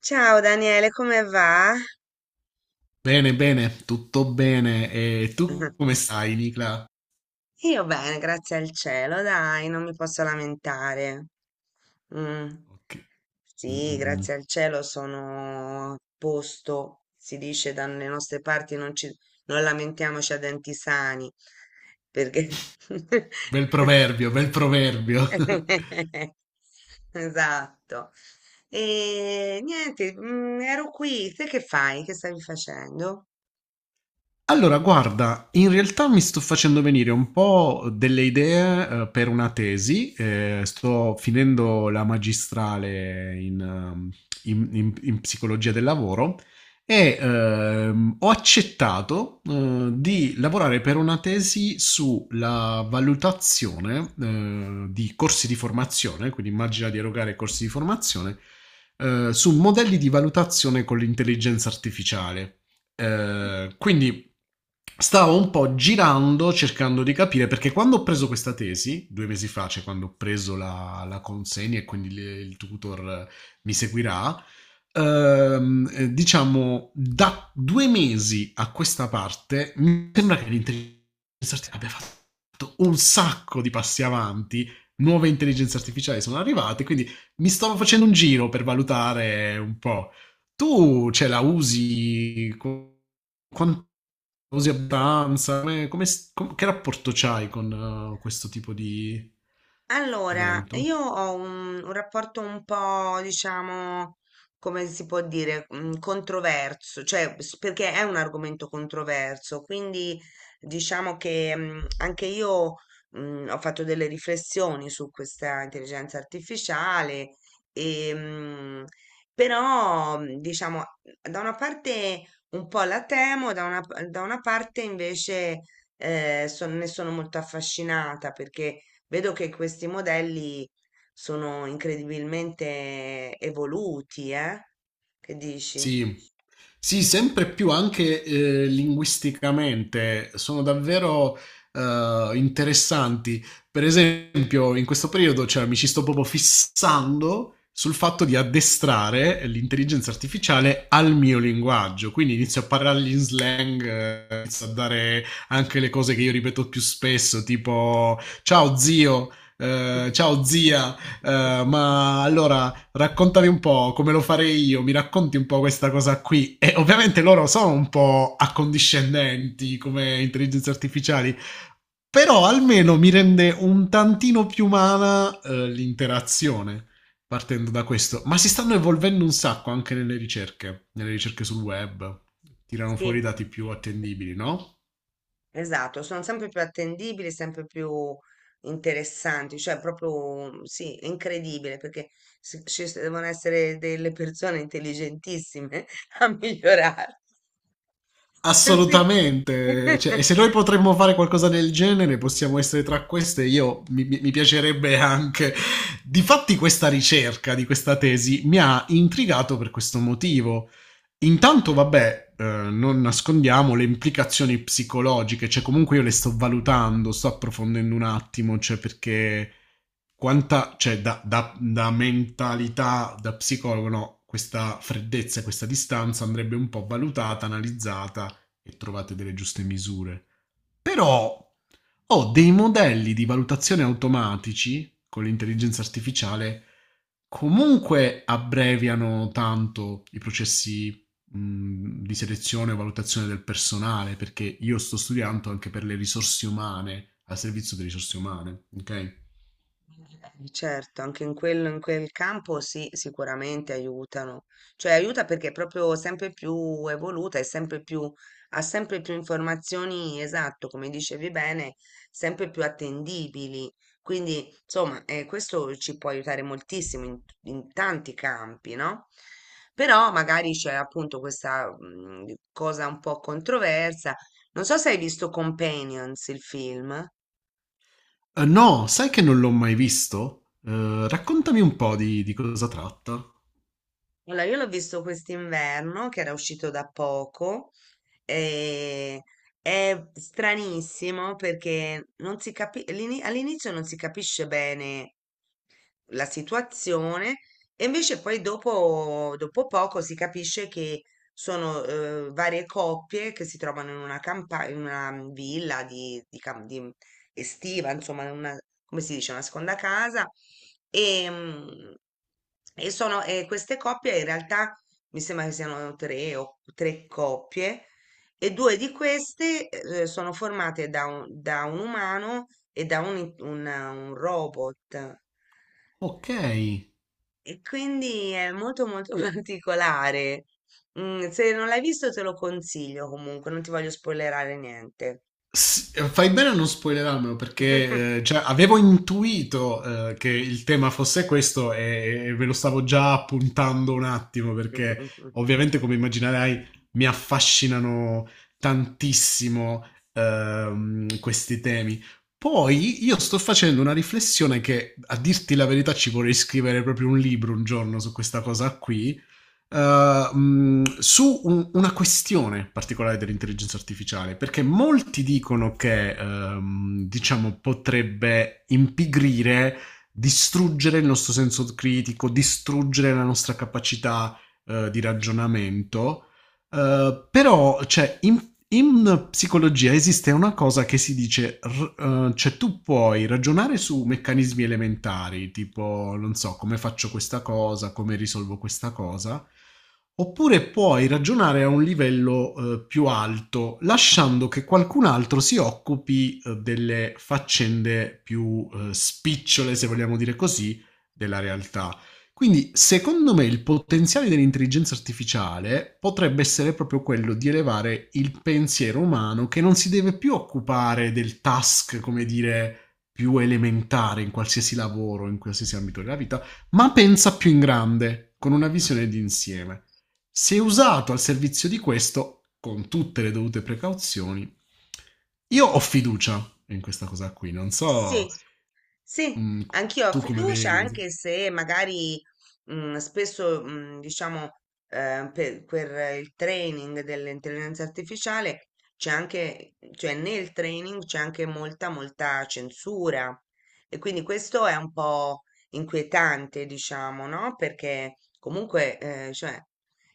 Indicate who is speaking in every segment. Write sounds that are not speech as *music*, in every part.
Speaker 1: Ciao Daniele, come va?
Speaker 2: Bene, bene, tutto bene. E tu come
Speaker 1: *laughs*
Speaker 2: stai, Nicla?
Speaker 1: Io bene, grazie al cielo, dai, non mi posso lamentare. Mm.
Speaker 2: Ok. Mm,
Speaker 1: Sì,
Speaker 2: mm, mm.
Speaker 1: grazie al cielo sono a posto, si dice dalle nostre parti non lamentiamoci a denti sani, perché...
Speaker 2: Bel proverbio, bel proverbio.
Speaker 1: *laughs*
Speaker 2: *laughs*
Speaker 1: Esatto. E niente, ero qui, te che fai? Che stavi facendo?
Speaker 2: Allora, guarda, in realtà mi sto facendo venire un po' delle idee, per una tesi. Sto finendo la magistrale in psicologia del lavoro e ho accettato, di lavorare per una tesi sulla valutazione, di corsi di formazione, quindi immagina di erogare corsi di formazione, su modelli di valutazione con l'intelligenza artificiale. Quindi stavo un po' girando cercando di capire perché quando ho preso questa tesi, due mesi fa, cioè quando ho preso la consegna e quindi il tutor mi seguirà, diciamo da due mesi a questa parte mi sembra che l'intelligenza artificiale abbia fatto un sacco di passi avanti. Nuove intelligenze artificiali sono arrivate, quindi mi stavo facendo un giro per valutare un po'. Tu ce la usi co- Quanto usi abbastanza? Che rapporto c'hai con questo tipo di
Speaker 1: Allora,
Speaker 2: strumento?
Speaker 1: io ho un rapporto un po', diciamo, come si può dire, controverso, perché è un argomento controverso, quindi diciamo che anche io ho fatto delle riflessioni su questa intelligenza artificiale, e, mm, però diciamo, da una parte un po' la temo, da una parte invece ne sono molto affascinata perché vedo che questi modelli sono incredibilmente evoluti, eh? Che dici?
Speaker 2: Sì, sì, sempre più anche linguisticamente sono davvero interessanti. Per esempio, in questo periodo cioè, mi ci sto proprio fissando sul fatto di addestrare l'intelligenza artificiale al mio linguaggio. Quindi inizio a parlargli in slang, inizio a dare anche le cose che io ripeto più spesso, tipo ciao zio, ciao zia, ma allora raccontami un po' come lo farei io, mi racconti un po' questa cosa qui. E ovviamente loro sono un po' accondiscendenti come intelligenze artificiali, però almeno mi rende un tantino più umana l'interazione partendo da questo. Ma si stanno evolvendo un sacco anche nelle ricerche sul web. Tirano fuori i
Speaker 1: Sì,
Speaker 2: dati più attendibili, no?
Speaker 1: esatto, sono sempre più attendibili, sempre più interessanti, cioè proprio sì, è incredibile perché devono essere delle persone intelligentissime *laughs* a migliorare. *laughs* Sì.
Speaker 2: Assolutamente, cioè, e
Speaker 1: *laughs*
Speaker 2: se noi potremmo fare qualcosa del genere, possiamo essere tra queste. Io mi piacerebbe anche. Difatti, questa ricerca di questa tesi mi ha intrigato per questo motivo. Intanto, vabbè, non nascondiamo le implicazioni psicologiche, cioè comunque io le sto valutando, sto approfondendo un attimo, cioè perché quanta, cioè da mentalità, da psicologo, no, questa freddezza, e questa distanza andrebbe un po' valutata, analizzata e trovate delle giuste misure. Però ho dei modelli di valutazione automatici con l'intelligenza artificiale comunque abbreviano tanto i processi di selezione e valutazione del personale, perché io sto studiando anche per le risorse umane, al servizio delle risorse umane, ok?
Speaker 1: Certo, anche in quello, in quel campo sì, sicuramente aiutano. Cioè aiuta perché è proprio sempre più evoluta e sempre più, ha sempre più informazioni, esatto, come dicevi bene, sempre più attendibili. Quindi, insomma, questo ci può aiutare moltissimo in tanti campi, no? Però magari c'è appunto questa cosa un po' controversa. Non so se hai visto Companions, il film.
Speaker 2: No, sai che non l'ho mai visto? Raccontami un po' di cosa tratta.
Speaker 1: Allora, io l'ho visto quest'inverno, che era uscito da poco, e è stranissimo perché non si capi- all'ini- all'inizio non si capisce bene la situazione e invece poi dopo, dopo poco si capisce che sono varie coppie che si trovano in una campagna, in una villa di estiva, insomma, in una, come si dice, una seconda casa e, mm, e sono, e queste coppie in realtà mi sembra che siano tre coppie e due di queste sono formate da da un umano e da un robot.
Speaker 2: Ok.
Speaker 1: E quindi è molto molto *laughs* particolare. Mm, se non l'hai visto te lo consiglio comunque, non ti voglio spoilerare niente.
Speaker 2: Fai bene a non spoilerarmelo perché
Speaker 1: *laughs*
Speaker 2: già avevo intuito che il tema fosse questo e ve lo stavo già appuntando un attimo perché ovviamente come immaginerai mi affascinano tantissimo questi temi. Poi io sto facendo una riflessione che a dirti la verità ci vorrei scrivere proprio un libro un giorno su questa cosa qui, su una questione particolare dell'intelligenza artificiale, perché molti dicono che, diciamo, potrebbe impigrire, distruggere il nostro senso critico, distruggere la nostra capacità di ragionamento. Però, cioè, in psicologia esiste una cosa che si dice, cioè tu puoi ragionare su meccanismi elementari, tipo non so come faccio questa cosa, come risolvo questa cosa, oppure puoi ragionare a un livello più alto, lasciando che qualcun altro si occupi delle faccende più spicciole, se vogliamo dire così, della realtà. Quindi, secondo me, il potenziale dell'intelligenza artificiale potrebbe essere proprio quello di elevare il pensiero umano che non si deve più occupare del task, come dire, più elementare in qualsiasi lavoro, in qualsiasi ambito della vita, ma pensa più in grande, con una visione d'insieme. Se usato al servizio di questo, con tutte le dovute precauzioni, io ho fiducia in questa cosa qui. Non
Speaker 1: Sì,
Speaker 2: so,
Speaker 1: sì,
Speaker 2: mm,
Speaker 1: anch'io ho
Speaker 2: tu come
Speaker 1: fiducia,
Speaker 2: vedi.
Speaker 1: anche se magari diciamo, per il training dell'intelligenza artificiale c'è anche, cioè nel training c'è anche molta censura. E quindi questo è un po' inquietante, diciamo, no? Perché comunque, eh, cioè,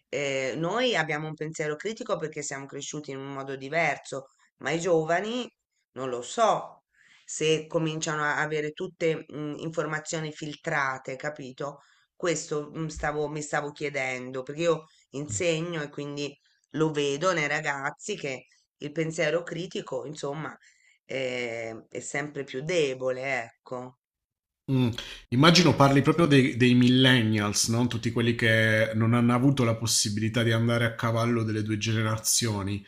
Speaker 1: eh, noi abbiamo un pensiero critico perché siamo cresciuti in un modo diverso, ma i giovani non lo so se cominciano a avere tutte informazioni filtrate, capito? Questo mi stavo chiedendo, perché io insegno e quindi lo vedo nei ragazzi che il pensiero critico, insomma, è sempre più debole, ecco.
Speaker 2: Mm. Immagino
Speaker 1: Mm.
Speaker 2: parli proprio dei, dei millennials, no? Tutti quelli che non hanno avuto la possibilità di andare a cavallo delle due generazioni.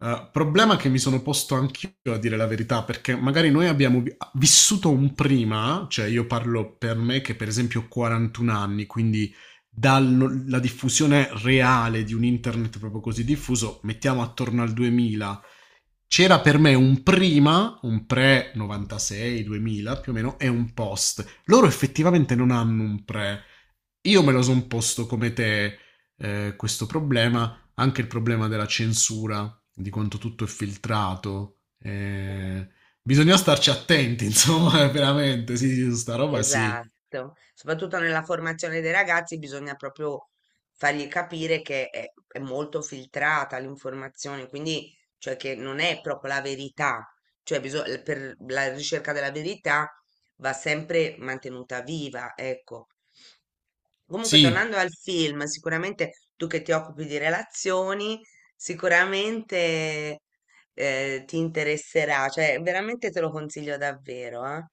Speaker 2: Problema che mi sono posto anch'io a dire la verità, perché magari noi abbiamo vissuto un prima, cioè io parlo per me che per esempio ho 41 anni, quindi dalla diffusione reale di un internet proprio così diffuso, mettiamo attorno al 2000 c'era per me un prima, un pre 96, 2000 più o meno, e un post. Loro effettivamente non hanno un pre. Io me lo sono posto come te, questo problema, anche il problema della censura, di quanto tutto è filtrato. Bisogna starci attenti, *laughs* insomma, veramente, sì, sì, su sta roba sì.
Speaker 1: Esatto, soprattutto nella formazione dei ragazzi bisogna proprio fargli capire che è molto filtrata l'informazione, quindi cioè che non è proprio la verità, per la ricerca della verità va sempre mantenuta viva, ecco. Comunque,
Speaker 2: Sì,
Speaker 1: tornando al film, sicuramente tu che ti occupi di relazioni, sicuramente ti interesserà, cioè veramente te lo consiglio davvero, eh.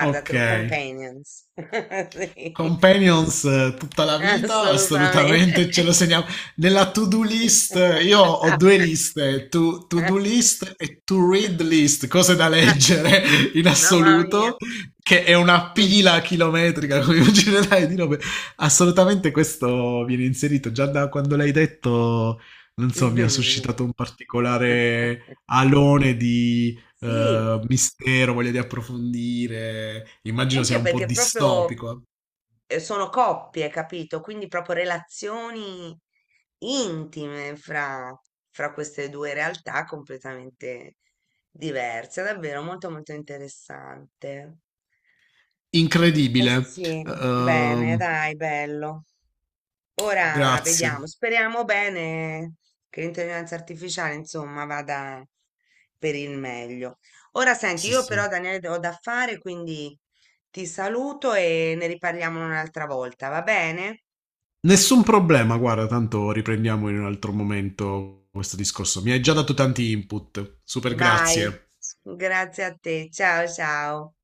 Speaker 2: ok.
Speaker 1: Companions. *laughs* Sì,
Speaker 2: Companions, tutta la vita,
Speaker 1: assolutamente.
Speaker 2: assolutamente ce lo segniamo. Nella to-do list, io ho due liste, to-do
Speaker 1: *laughs*
Speaker 2: list e to-read list, cose da leggere *laughs* in
Speaker 1: Mamma mia.
Speaker 2: assoluto, che è una pila chilometrica, come *laughs*
Speaker 1: *laughs*
Speaker 2: immaginerai, di robe. Assolutamente questo viene inserito, già da quando l'hai detto, non so, mi ha suscitato un particolare alone di
Speaker 1: Sì,
Speaker 2: mistero, voglia di approfondire, immagino sia
Speaker 1: anche
Speaker 2: un po'
Speaker 1: perché proprio
Speaker 2: distopico.
Speaker 1: sono coppie, capito? Quindi proprio relazioni intime fra queste due realtà completamente diverse. Davvero molto molto interessante. Eh
Speaker 2: Incredibile.
Speaker 1: sì, bene,
Speaker 2: Ehm,
Speaker 1: dai, bello. Ora vediamo,
Speaker 2: Grazie.
Speaker 1: speriamo bene che l'intelligenza artificiale, insomma, vada per il meglio. Ora senti,
Speaker 2: Sì,
Speaker 1: io però
Speaker 2: sì.
Speaker 1: Daniele ho da fare, quindi ti saluto e ne riparliamo un'altra volta, va bene?
Speaker 2: Nessun problema, guarda, tanto riprendiamo in un altro momento questo discorso. Mi hai già dato tanti input. Super
Speaker 1: Vai,
Speaker 2: grazie.
Speaker 1: grazie a te. Ciao ciao.